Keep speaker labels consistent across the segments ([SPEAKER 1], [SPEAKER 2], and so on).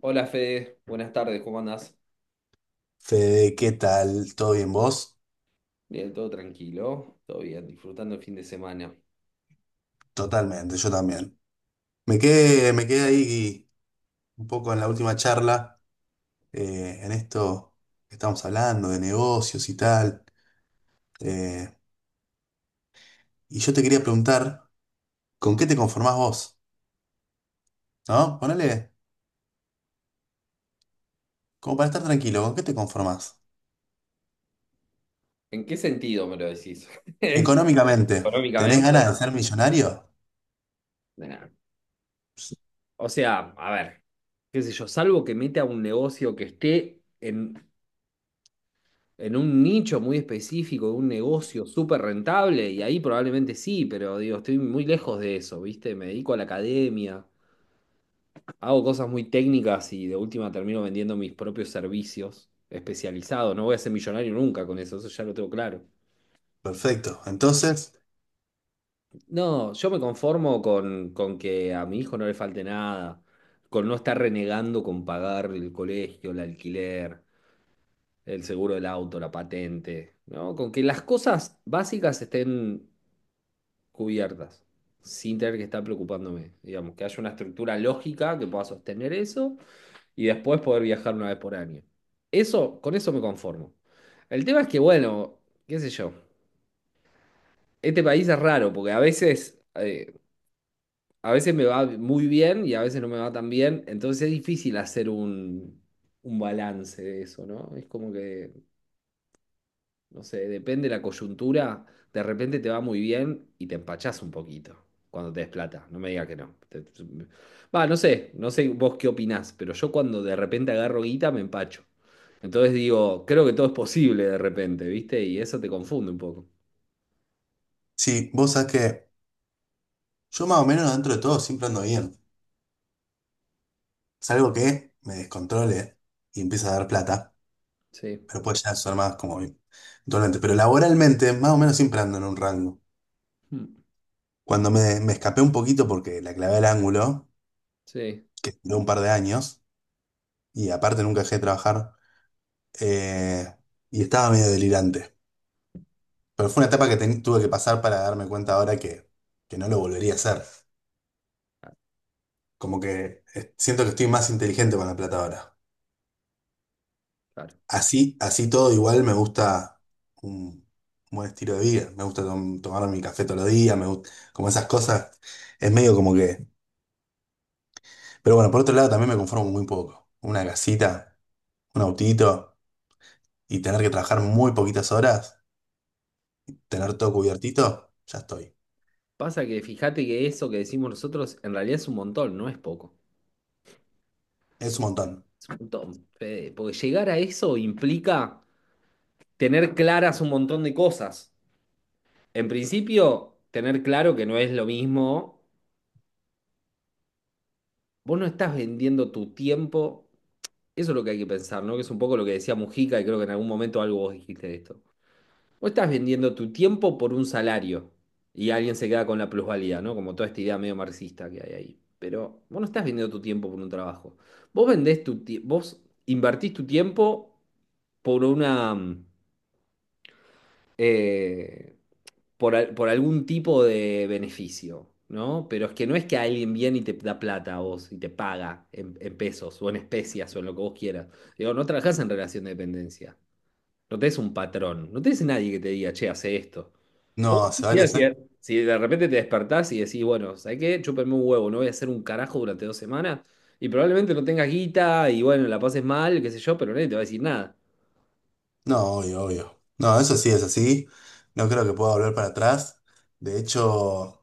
[SPEAKER 1] Hola Fede, buenas tardes, ¿cómo andás?
[SPEAKER 2] Fede, ¿qué tal? ¿Todo bien vos?
[SPEAKER 1] Bien, todo tranquilo, todo bien, disfrutando el fin de semana.
[SPEAKER 2] Totalmente, yo también. Me quedé ahí un poco en la última charla, en esto que estamos hablando de negocios y tal. eh, y yo te quería preguntar, ¿con qué te conformás vos? ¿No? Ponele, como para estar tranquilo, ¿con qué te conformás?
[SPEAKER 1] ¿En qué sentido me lo decís?
[SPEAKER 2] Económicamente, ¿tenés ganas
[SPEAKER 1] ¿Económicamente?
[SPEAKER 2] de ser millonario?
[SPEAKER 1] Nah. O sea, a ver, qué sé yo, salvo que meta un negocio que esté en un nicho muy específico, un negocio súper rentable, y ahí probablemente sí, pero digo, estoy muy lejos de eso, ¿viste? Me dedico a la academia, hago cosas muy técnicas y de última termino vendiendo mis propios servicios especializados. No voy a ser millonario nunca con eso, eso ya lo tengo claro.
[SPEAKER 2] Perfecto. Entonces,
[SPEAKER 1] No, yo me conformo con que a mi hijo no le falte nada, con no estar renegando con pagar el colegio, el alquiler, el seguro del auto, la patente, ¿no? Con que las cosas básicas estén cubiertas, sin tener que estar preocupándome, digamos, que haya una estructura lógica que pueda sostener eso y después poder viajar una vez por año. Eso, con eso me conformo. El tema es que, bueno, qué sé yo, este país es raro porque a veces me va muy bien y a veces no me va tan bien, entonces es difícil hacer un balance de eso, ¿no? Es como que, no sé, depende de la coyuntura, de repente te va muy bien y te empachás un poquito cuando te des plata, no me digas que no. Va, no sé, no sé vos qué opinás, pero yo cuando de repente agarro guita me empacho. Entonces digo, creo que todo es posible de repente, ¿viste? Y eso te confunde un poco.
[SPEAKER 2] si vos sabés que yo más o menos dentro de todo siempre ando bien. Salvo que me descontrole y empiece a dar plata.
[SPEAKER 1] Sí.
[SPEAKER 2] Pero pues ya son más como donante. Pero laboralmente, más o menos siempre ando en un rango.
[SPEAKER 1] Mm.
[SPEAKER 2] Cuando me escapé un poquito porque la clavé al ángulo,
[SPEAKER 1] Sí.
[SPEAKER 2] que duró un par de años, y aparte nunca dejé de trabajar, eh, y estaba medio delirante. Pero fue una etapa que tuve que pasar para darme cuenta ahora que no lo volvería a hacer.
[SPEAKER 1] Ah,
[SPEAKER 2] Como que siento que estoy más inteligente con la plata ahora.
[SPEAKER 1] claro.
[SPEAKER 2] Así, así todo igual me gusta un buen estilo de vida. Me gusta tomar mi café todos los días, me gusta, como esas cosas. Es medio como que. Pero bueno, por otro lado también me conformo muy poco. Una casita, un autito y tener que trabajar muy poquitas horas, tener todo cubiertito, ya estoy.
[SPEAKER 1] Pasa que fíjate que eso que decimos nosotros en realidad es un montón, no es poco.
[SPEAKER 2] Es un montón.
[SPEAKER 1] Es un montón, Fede, porque llegar a eso implica tener claras un montón de cosas. En principio, tener claro que no es lo mismo. Vos no estás vendiendo tu tiempo. Eso es lo que hay que pensar, ¿no? Que es un poco lo que decía Mujica y creo que en algún momento algo vos dijiste de esto. Vos estás vendiendo tu tiempo por un salario y alguien se queda con la plusvalía, ¿no? Como toda esta idea medio marxista que hay ahí. Pero vos no estás vendiendo tu tiempo por un trabajo. Vos invertís tu tiempo por una eh, por, por algún tipo de beneficio, ¿no? Pero es que no es que alguien viene y te da plata a vos y te paga en pesos o en especias o en lo que vos quieras. Digo, no trabajás en relación de dependencia. No tenés un patrón, no tenés nadie que te diga, che, hace esto. Vos
[SPEAKER 2] No, hace
[SPEAKER 1] imaginás
[SPEAKER 2] varios
[SPEAKER 1] si
[SPEAKER 2] años.
[SPEAKER 1] de repente te despertás y decís, bueno, ¿sabés qué? Chúpenme un huevo, no voy a hacer un carajo durante dos semanas. Y probablemente no tengas guita y bueno, la pases mal, qué sé yo, pero nadie te va a decir nada.
[SPEAKER 2] No, obvio, obvio. No, eso sí es así. No creo que pueda volver para atrás. De hecho.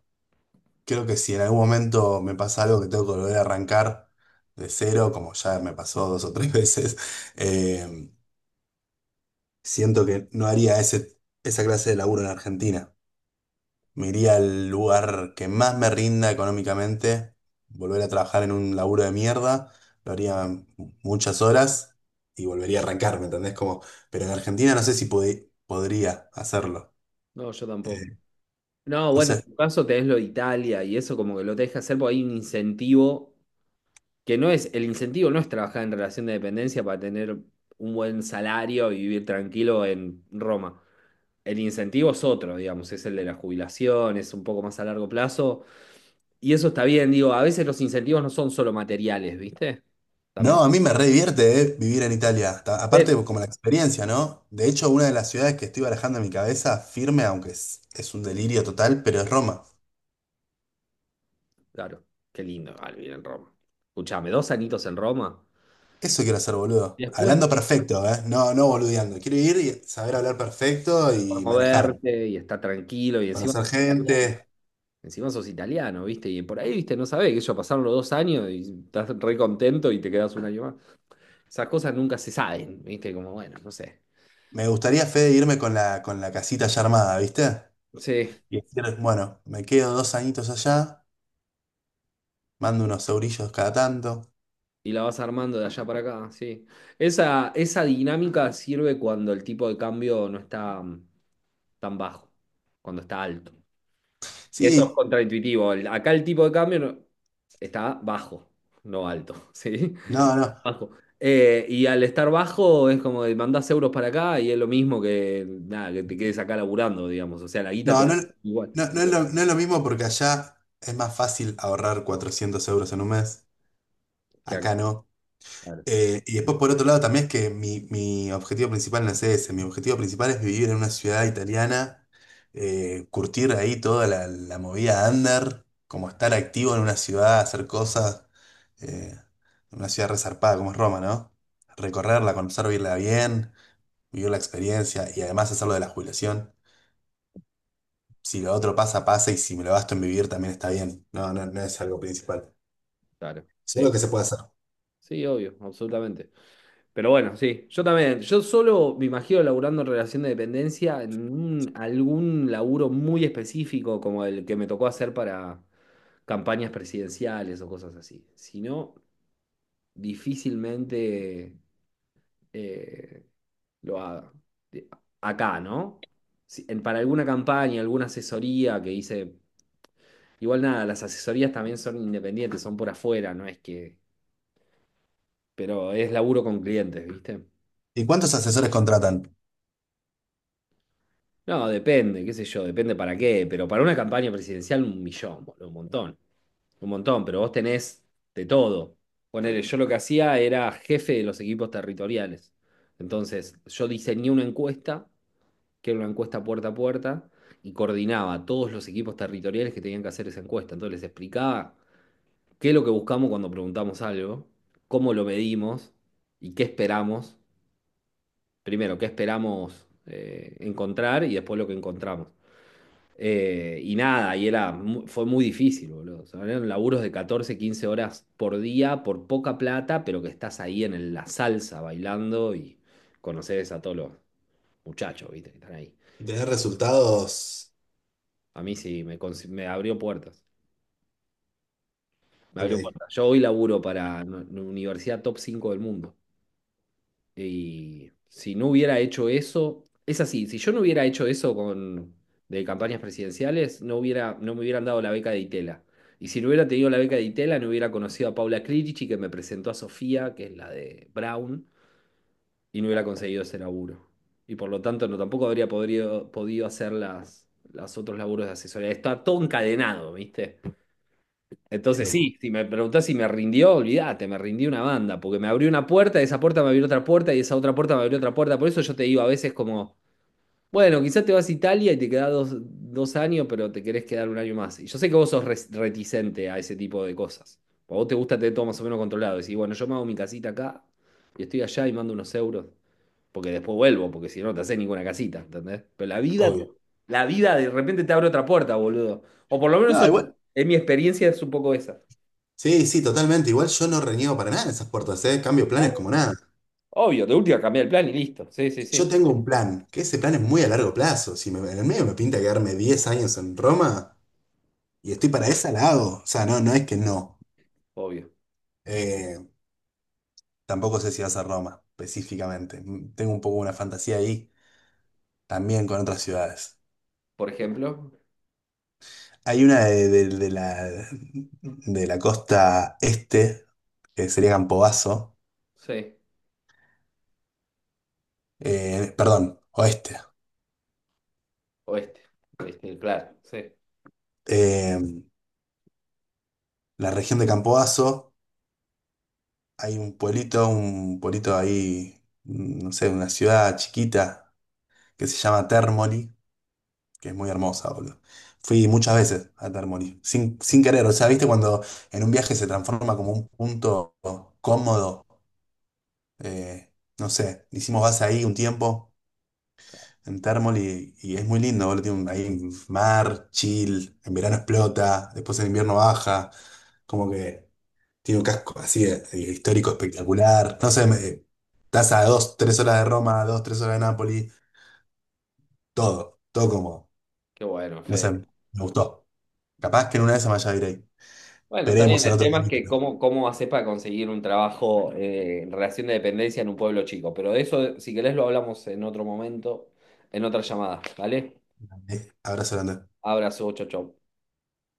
[SPEAKER 2] Creo que si en algún momento me pasa algo que tengo que volver a arrancar de cero, como ya me pasó dos o tres veces, eh, siento que no haría esa clase de laburo en Argentina. Me iría al lugar que más me rinda económicamente, volver a trabajar en un laburo de mierda, lo haría muchas horas y volvería a arrancar, ¿me entendés? Como, pero en Argentina no sé si podría hacerlo.
[SPEAKER 1] No, yo tampoco.
[SPEAKER 2] Eh,
[SPEAKER 1] No,
[SPEAKER 2] No
[SPEAKER 1] bueno, en
[SPEAKER 2] sé.
[SPEAKER 1] tu caso tenés lo de Italia y eso como que lo te deja hacer porque hay un incentivo que no es, el incentivo no es trabajar en relación de dependencia para tener un buen salario y vivir tranquilo en Roma. El incentivo es otro, digamos, es el de la jubilación, es un poco más a largo plazo. Y eso está bien, digo, a veces los incentivos no son solo materiales, ¿viste?
[SPEAKER 2] No,
[SPEAKER 1] También
[SPEAKER 2] a mí me re divierte, vivir en Italia.
[SPEAKER 1] es,
[SPEAKER 2] Aparte, como la experiencia, ¿no? De hecho, una de las ciudades que estoy barajando en mi cabeza, firme, aunque es un delirio total, pero es Roma.
[SPEAKER 1] claro, qué lindo igual vivir en Roma. Escuchame, dos anitos en Roma,
[SPEAKER 2] Eso quiero hacer,
[SPEAKER 1] y
[SPEAKER 2] boludo.
[SPEAKER 1] después, ¿viste?
[SPEAKER 2] Hablando perfecto, ¿eh? No, no boludeando. Quiero ir y saber hablar perfecto
[SPEAKER 1] Para
[SPEAKER 2] y manejar.
[SPEAKER 1] moverte y estar tranquilo y encima...
[SPEAKER 2] Conocer gente.
[SPEAKER 1] Encima sos italiano, ¿viste? Y por ahí, ¿viste? No sabés, que yo pasaron los dos años y estás re contento y te quedás un año más. Esas cosas nunca se saben, ¿viste? Como, bueno, no sé.
[SPEAKER 2] Me gustaría, Fede, irme con con la casita ya armada, ¿viste?
[SPEAKER 1] Sí,
[SPEAKER 2] Y decir, bueno, me quedo dos añitos allá, mando unos eurillos cada tanto.
[SPEAKER 1] y la vas armando de allá para acá, sí. Esa dinámica sirve cuando el tipo de cambio no está tan bajo, cuando está alto. Y esto es
[SPEAKER 2] Sí,
[SPEAKER 1] contraintuitivo. Acá el tipo de cambio está bajo, no alto, ¿sí?
[SPEAKER 2] no, no.
[SPEAKER 1] Bajo. Y al estar bajo es como de mandás euros para acá y es lo mismo que nada, que te quedes acá laburando, digamos. O sea, la guita te
[SPEAKER 2] No,
[SPEAKER 1] va
[SPEAKER 2] no,
[SPEAKER 1] a dar igual
[SPEAKER 2] no es lo mismo porque allá es más fácil ahorrar 400 euros en un mes,
[SPEAKER 1] que
[SPEAKER 2] acá
[SPEAKER 1] acá.
[SPEAKER 2] no.
[SPEAKER 1] Claro,
[SPEAKER 2] Y después por otro lado también es que mi objetivo principal no es ese, mi objetivo principal es vivir en una ciudad italiana, curtir ahí toda la movida under, como estar activo en una ciudad, hacer cosas, eh, una ciudad resarpada como es Roma, ¿no? Recorrerla, conocer, vivirla bien, vivir la experiencia y además hacerlo de la jubilación. Si lo otro pasa, pasa, y si me lo gasto en vivir también está bien. No, no, no es algo principal.
[SPEAKER 1] claro.
[SPEAKER 2] Solo
[SPEAKER 1] Sí,
[SPEAKER 2] que se puede hacer.
[SPEAKER 1] sí, obvio, absolutamente. Pero bueno, sí, yo también. Yo solo me imagino laburando en relación de dependencia en algún laburo muy específico como el que me tocó hacer para campañas presidenciales o cosas así. Si no, difícilmente eh, lo haga. De- Acá, ¿no? Para alguna campaña, alguna asesoría que hice. Igual nada, las asesorías también son independientes, son por afuera, no es que. Pero es laburo con clientes, ¿viste?
[SPEAKER 2] ¿Y cuántos asesores contratan?
[SPEAKER 1] No, depende, qué sé yo, depende para qué. Pero para una campaña presidencial, un millón, boludo, un montón. Un montón, pero vos tenés de todo. Ponele, yo lo que hacía era jefe de los equipos territoriales. Entonces, yo diseñé una encuesta que era una encuesta puerta a puerta, y coordinaba a todos los equipos territoriales que tenían que hacer esa encuesta. Entonces les explicaba qué es lo que buscamos cuando preguntamos algo, cómo lo medimos y qué esperamos. Primero, qué esperamos encontrar y después lo que encontramos. Y nada, y era, fue muy difícil, boludo. O sea, eran laburos de 14 15 horas por día, por poca plata, pero que estás ahí en la salsa bailando y conoces a todos los muchachos, ¿viste? Que están ahí.
[SPEAKER 2] Y tener resultados.
[SPEAKER 1] A mí sí, me abrió puertas. Me abrió
[SPEAKER 2] Ok,
[SPEAKER 1] puertas. Yo hoy laburo para una universidad top 5 del mundo. Y si no hubiera hecho eso, es así, si yo no hubiera hecho eso con, de campañas presidenciales, no hubiera, no me hubieran dado la beca de Itela. Y si no hubiera tenido la beca de Itela, no hubiera conocido a Paula Clerici, que me presentó a Sofía, que es la de Brown, y no hubiera conseguido ese laburo. Y por lo tanto, no, tampoco habría podido hacer las otros laburos de asesoría. Está todo encadenado, ¿viste?
[SPEAKER 2] qué
[SPEAKER 1] Entonces
[SPEAKER 2] loco.
[SPEAKER 1] sí, si me preguntás si me rindió, olvídate, me rindió una banda, porque me abrió una puerta, esa puerta me abrió otra puerta y esa otra puerta me abrió otra puerta. Por eso yo te digo a veces como, bueno, quizás te vas a Italia y te quedás dos años, pero te querés quedar un año más. Y yo sé que vos sos reticente a ese tipo de cosas. A vos te gusta tener todo más o menos controlado. Decís, bueno, yo me hago mi casita acá y estoy allá y mando unos euros, porque después vuelvo, porque si no, no te haces ninguna casita, ¿entendés? Pero
[SPEAKER 2] Obvio.
[SPEAKER 1] la vida de repente te abre otra puerta, boludo. O por lo menos
[SPEAKER 2] No,
[SPEAKER 1] eso-
[SPEAKER 2] igual.
[SPEAKER 1] en mi experiencia es un poco esa.
[SPEAKER 2] Sí, sí, totalmente. Igual yo no reniego para nada en esas puertas, ¿eh? Cambio
[SPEAKER 1] No,
[SPEAKER 2] planes
[SPEAKER 1] no.
[SPEAKER 2] como nada.
[SPEAKER 1] Obvio, de última cambiar el plan y listo. Sí, sí,
[SPEAKER 2] Yo
[SPEAKER 1] sí.
[SPEAKER 2] tengo un plan, que ese plan es muy a largo plazo. Si en el medio me pinta quedarme 10 años en Roma y estoy para esa, la hago. O sea, no, no es que no.
[SPEAKER 1] Obvio.
[SPEAKER 2] Eh, Tampoco sé si vas a Roma específicamente. Mm, tengo un poco una fantasía ahí. También con otras ciudades.
[SPEAKER 1] Por ejemplo,
[SPEAKER 2] Hay una de la costa este, que sería Campobasso,
[SPEAKER 1] sí,
[SPEAKER 2] perdón, oeste.
[SPEAKER 1] oeste. Este, claro, sí.
[SPEAKER 2] Eh, la región de Campobasso, hay un pueblito ahí, mm, no sé, una ciudad chiquita que se llama Termoli, que es muy hermosa, boludo. Fui muchas veces a Termoli, sin querer, o sea, viste cuando en un viaje se transforma como un punto cómodo, eh, no sé, hicimos base ahí un tiempo. En Thermoli y es muy lindo, boludo. Tiene ahí un mar, chill, en verano explota, después en invierno baja, como que tiene un casco así histórico espectacular. No sé, estás a dos, tres horas de Roma, dos, tres horas de Nápoli, todo, todo como,
[SPEAKER 1] Qué bueno,
[SPEAKER 2] no sé,
[SPEAKER 1] Fede.
[SPEAKER 2] me gustó. Capaz que en una de esas me vaya a ir ahí.
[SPEAKER 1] Bueno, está bien.
[SPEAKER 2] Veremos en
[SPEAKER 1] El
[SPEAKER 2] otro
[SPEAKER 1] tema es que
[SPEAKER 2] capítulo.
[SPEAKER 1] cómo, cómo haces para conseguir un trabajo en relación de dependencia en un pueblo chico. Pero de eso, si querés, lo hablamos en otro momento, en otra llamada, ¿vale?
[SPEAKER 2] Abrazo grande.
[SPEAKER 1] Abrazo, chau, chau.